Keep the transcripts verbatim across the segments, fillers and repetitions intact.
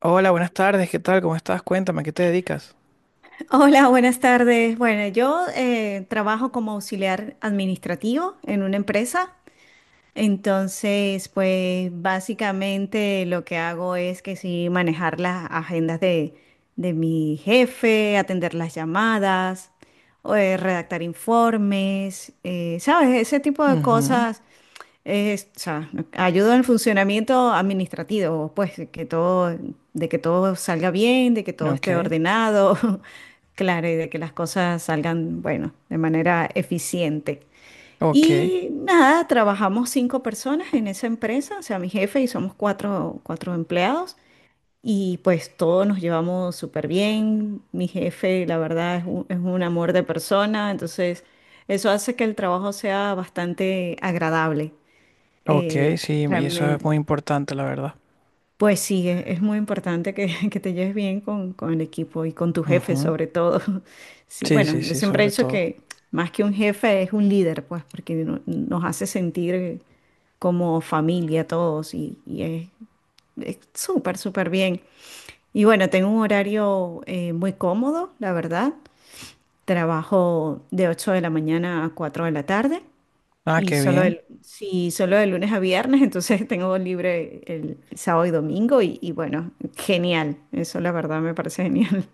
Hola, buenas tardes, ¿qué tal? ¿Cómo estás? Cuéntame, ¿a qué te dedicas? Hola, buenas tardes. Bueno, yo eh, trabajo como auxiliar administrativo en una empresa. Entonces, pues básicamente lo que hago es que sí manejar las agendas de, de mi jefe, atender las llamadas, o, eh, redactar informes, eh, ¿sabes? Ese tipo de Ujú. cosas es, o sea, ayuda en el funcionamiento administrativo, pues, de que todo, de que todo salga bien, de que todo esté Ok, ordenado, claro, y de que las cosas salgan, bueno, de manera eficiente. ok, Y nada, trabajamos cinco personas en esa empresa, o sea, mi jefe y somos cuatro, cuatro empleados, y pues todos nos llevamos súper bien. Mi jefe, la verdad, es un, es un amor de persona, entonces eso hace que el trabajo sea bastante agradable ok, eh, sí, y eso es realmente. muy importante, la verdad. Pues sí, e- es muy importante que, que te lleves bien con, con el equipo y con tu jefe Ujú. sobre todo. Sí, Sí, bueno, sí, yo sí, siempre he sobre dicho todo. que más que un jefe es un líder, pues, porque no- nos hace sentir como familia todos y, y es es súper, súper bien. Y bueno, tengo un horario eh, muy cómodo, la verdad. Trabajo de ocho de la mañana a cuatro de la tarde. Ah, Y qué solo bien. el, sí, solo de lunes a viernes, entonces tengo libre el sábado y domingo y, y bueno, genial. Eso la verdad me parece genial.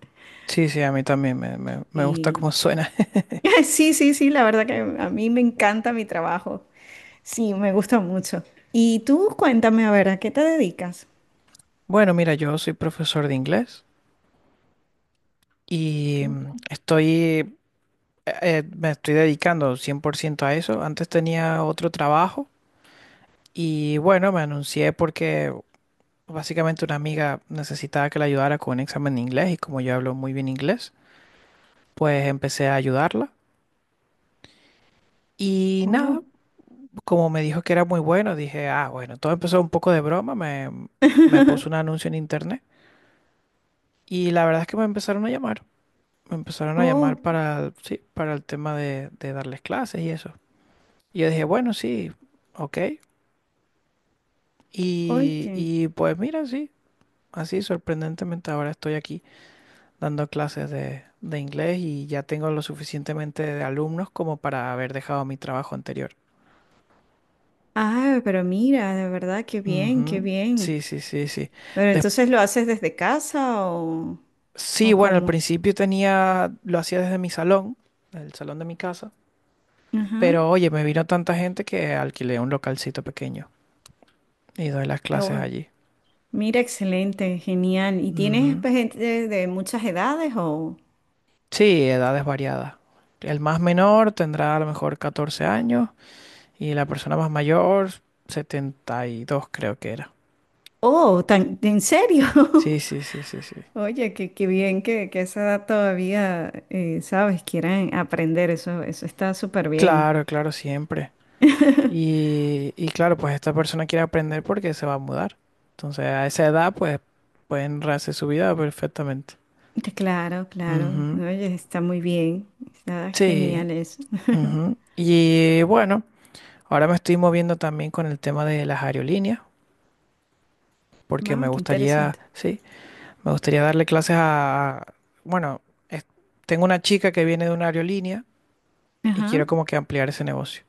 Sí, sí, a mí también me, me, me gusta Sí. cómo suena. Sí, sí, sí, la verdad que a mí me encanta mi trabajo. Sí, me gusta mucho. Y tú cuéntame, a ver, ¿a qué te dedicas? Bueno, mira, yo soy profesor de inglés y mm, Mm. estoy, eh, eh, me estoy dedicando cien por ciento a eso. Antes tenía otro trabajo y bueno, me anuncié porque básicamente una amiga necesitaba que la ayudara con un examen de inglés y como yo hablo muy bien inglés, pues empecé a ayudarla. Y nada, Oh. como me dijo que era muy bueno, dije, ah, bueno, todo empezó un poco de broma, me, Me puso un anuncio en internet y la verdad es que me empezaron a llamar, me empezaron a llamar Oh, para, sí, para el tema de, de darles clases y eso. Y yo dije, bueno, sí, ok. Y, oye. y pues mira, sí, así sorprendentemente ahora estoy aquí dando clases de, de inglés y ya tengo lo suficientemente de alumnos como para haber dejado mi trabajo anterior. Ah, pero mira, de verdad, qué bien, qué Ujú. bien. Sí, sí, sí, sí. Pero Des- entonces lo haces desde casa o, sí, ¿o bueno, al cómo? principio tenía, lo hacía desde mi salón, el salón de mi casa, Ajá. pero oye, me vino tanta gente que alquilé un localcito pequeño y doy las clases allí. Mira, excelente, genial. ¿Y tienes Ujú. pues, gente de muchas edades o...? Sí, edades variadas. El más menor tendrá a lo mejor catorce años y la persona más mayor setenta y dos creo que era. Oh, tan, ¿en serio? Sí, sí, sí, sí, sí. Oye, qué, qué bien que, que a esa edad todavía, eh, sabes, quieran aprender, eso, eso está súper bien. Claro, claro, siempre. Y, y claro, pues esta persona quiere aprender porque se va a mudar. Entonces, a esa edad, pues pueden rehacer su vida perfectamente. Claro, claro. Ujú. Oye, está muy bien. Está Sí. genial eso. Ujú. Y bueno, ahora me estoy moviendo también con el tema de las aerolíneas, porque me Wow, qué gustaría, interesante. sí, me gustaría darle clases a, bueno, es- tengo una chica que viene de una aerolínea y Ajá. quiero como que ampliar ese negocio.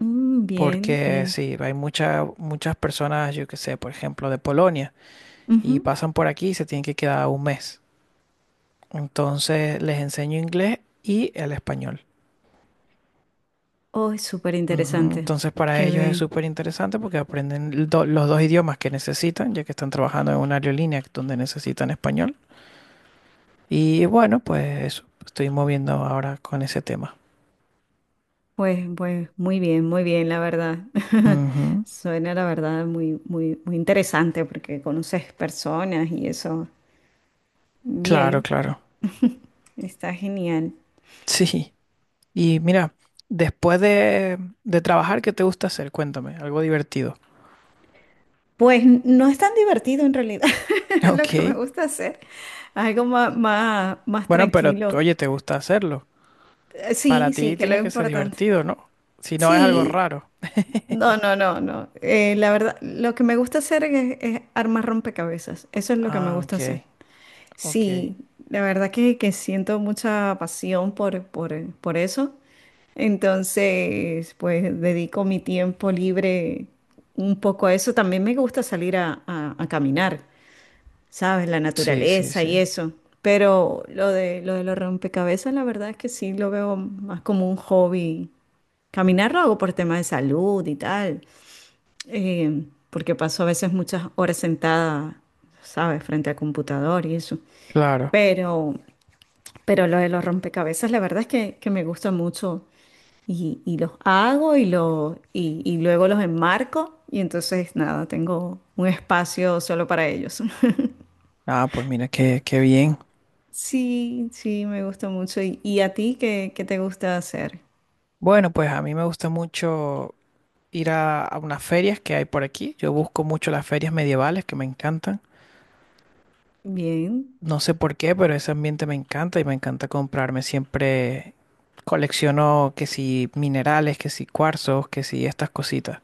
Mm, bien, Porque bien. sí, hay muchas muchas personas, yo que sé, por ejemplo, de Polonia y Ujú. pasan por aquí y se tienen que quedar un mes. Entonces les enseño inglés y el español. Oh, es súper Ujú. interesante. Entonces para Qué ellos es bien. súper interesante porque aprenden el do- los dos idiomas que necesitan, ya que están trabajando en una aerolínea donde necesitan español. Y bueno, pues eso, estoy moviendo ahora con ese tema. Pues, pues muy bien, muy bien, la verdad. Ujú. Suena la verdad muy, muy, muy interesante porque conoces personas y eso. Claro, Bien, claro. está genial. Sí. Y mira, después de, de trabajar, ¿qué te gusta hacer? Cuéntame, algo divertido. Pues no es tan divertido en realidad lo que me Ok. gusta hacer. Algo más, más, más Bueno, pero tranquilo. oye, ¿te gusta hacerlo? Eh, Para Sí, ti sí, que es lo tiene que ser importante. divertido, ¿no? Si no es algo Sí, raro. no, no, no, no. Eh, la verdad, lo que me gusta hacer es, es armar rompecabezas. Eso es lo que me Ah, gusta ok, hacer. ok. Sí, la verdad que, que siento mucha pasión por, por, por eso. Entonces, pues dedico mi tiempo libre un poco a eso. También me gusta salir a, a- a caminar, ¿sabes? La Sí, sí, naturaleza y sí. eso. Pero lo de, lo de los rompecabezas, la verdad es que sí lo veo más como un hobby. Caminar lo hago por temas de salud y tal, eh, porque paso a veces muchas horas sentada, ¿sabes? Frente al computador y eso. Claro. Pero pero lo de los rompecabezas, la verdad es que, que me gusta mucho. Y, y los hago y, lo, y, y luego los enmarco. Y entonces, nada, tengo un espacio solo para ellos. Ah, pues mira, qué, qué bien. Sí, sí, me gusta mucho. ¿Y, y a ti qué, qué te gusta hacer? Bueno, pues a mí me gusta mucho ir a, a unas ferias que hay por aquí. Yo busco mucho las ferias medievales que me encantan. Bien. No sé por qué, pero ese ambiente me encanta y me encanta comprarme siempre. Colecciono que si minerales, que si cuarzos, que si estas cositas.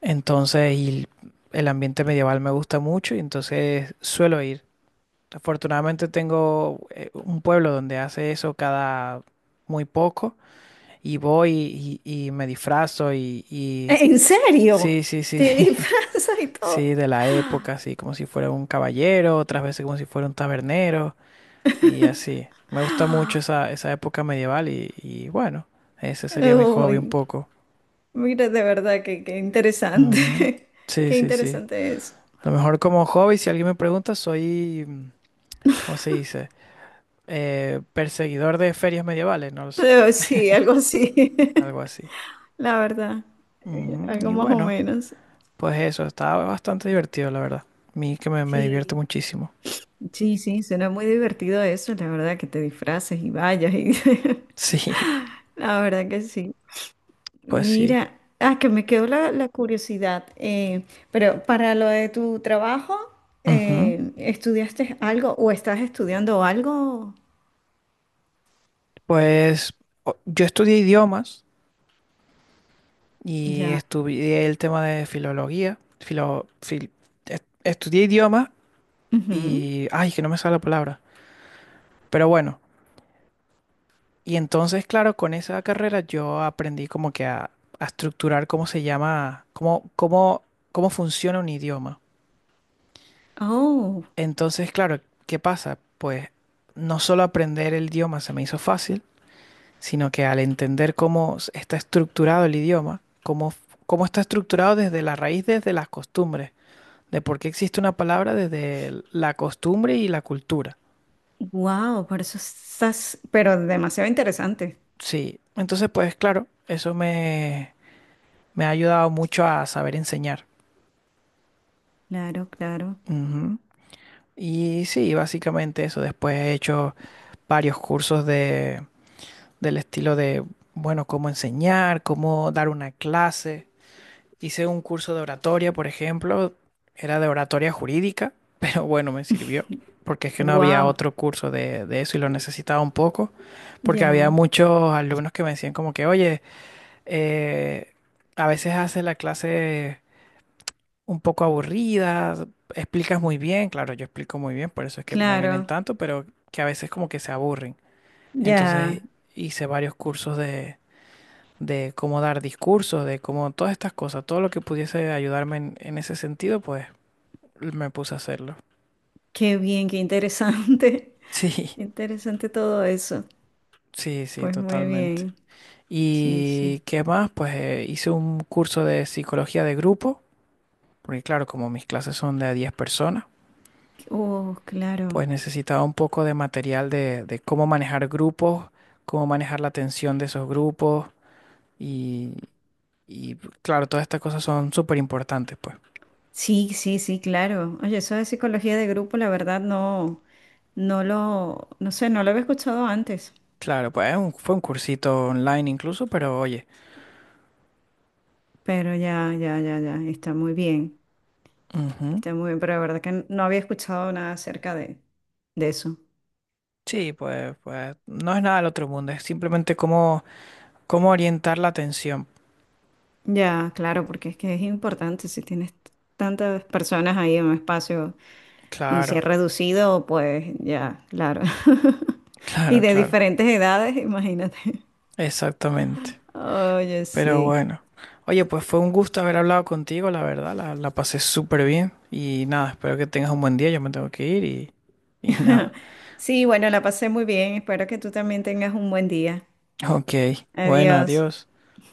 Entonces, y el ambiente medieval me gusta mucho y entonces suelo ir. Afortunadamente tengo eh, un pueblo donde hace eso cada muy poco y voy y, y me disfrazo y, y- ¿En serio? sí, sí, sí, ¿Te disfrazas y sí, todo? de la época, así como si fuera un caballero, otras veces como si fuera un tabernero y así. Me gusta mucho esa, esa época medieval y, y bueno, ese sería mi hobby un Uy, poco. mira, de verdad, que qué Ujú. interesante. Sí, Qué sí, sí. interesante es. A lo mejor como hobby, si alguien me pregunta, soy, mm, ¿cómo se dice? Eh, perseguidor de ferias medievales, no lo sé. Eh, sí, algo así. Algo así. La verdad. eh, Ujú. algo Y más o bueno, menos. pues eso, está bastante divertido, la verdad. A mí que me, me divierte Sí, muchísimo. sí, sí, suena muy divertido eso, la verdad, que te disfraces y vayas y Sí, La verdad que sí. pues sí. Mira, ah, que me quedó la, la curiosidad. eh, pero para lo de tu trabajo, Ujú. eh, ¿estudiaste algo o estás estudiando algo? Pues o- yo estudié idiomas y Ya. estudié el tema de filología. Filo, fil- est- estudié idiomas Ujú. y... Ay, que no me sale la palabra. Pero bueno, y entonces, claro, con esa carrera yo aprendí como que a, a estructurar cómo se llama, cómo, cómo, cómo funciona un idioma. Oh, Entonces, claro, ¿qué pasa? Pues no solo aprender el idioma se me hizo fácil, sino que al entender cómo s- está estructurado el idioma, cómo, f- cómo está estructurado desde la raíz, desde las costumbres, de por qué existe una palabra desde el- la costumbre y la cultura. wow, por eso estás, pero demasiado interesante. Sí, entonces, pues claro, eso me, me ha ayudado mucho a saber enseñar. Claro, claro. Ujú. Y sí, básicamente eso. Después he hecho varios cursos del estilo de, bueno, cómo enseñar, cómo dar una clase. Hice un curso de oratoria, por ejemplo, era de oratoria jurídica, pero bueno, me sirvió, porque es que no había Wow, otro curso de, de eso y lo necesitaba un poco, porque había ya, muchos alumnos que me decían como que, oye, eh, a veces haces la clase un poco aburrida, explicas muy bien, claro, yo explico muy bien, por eso es que me vienen claro. tanto, pero que a veces como que se aburren. Ya, Entonces hice varios cursos de de cómo dar discursos, de cómo todas estas cosas, todo lo que pudiese ayudarme en, en ese sentido, pues me puse a hacerlo. qué bien, qué interesante. Sí, Qué interesante todo eso. sí, sí, Pues muy totalmente. bien. Sí, sí. ¿Y qué más? Pues eh, hice un curso de psicología de grupo, porque claro, como mis clases son de a diez personas, Oh, claro. pues necesitaba un poco de material de, de cómo manejar grupos, cómo manejar la tensión de esos grupos y, y, claro, todas estas cosas son súper importantes, pues. Sí, sí, sí, claro. Oye, eso de psicología de grupo, la verdad, no, no lo, no sé, no lo había escuchado antes. Claro, pues es un- fue un cursito online incluso, pero oye, Pero ya, ya, ya, ya. Está muy bien. ujú. Está muy bien, pero la verdad que no había escuchado nada acerca de, de eso. Sí, pues, pues no es nada del otro mundo, es simplemente cómo, cómo orientar la atención. Ya, claro, porque es que es importante si tienes tantas personas ahí en un espacio. Y si es Claro, reducido, pues ya, claro. Y claro, de claro, diferentes edades, imagínate. exactamente. Oye, Pero sí. bueno, oye, pues fue un gusto haber hablado contigo, la verdad, la, la pasé súper bien y nada, espero que tengas un buen día, yo me tengo que ir y, y nada. Sí, bueno, la pasé muy bien. Espero que tú también tengas un buen día. Ok, bueno, Adiós. adiós.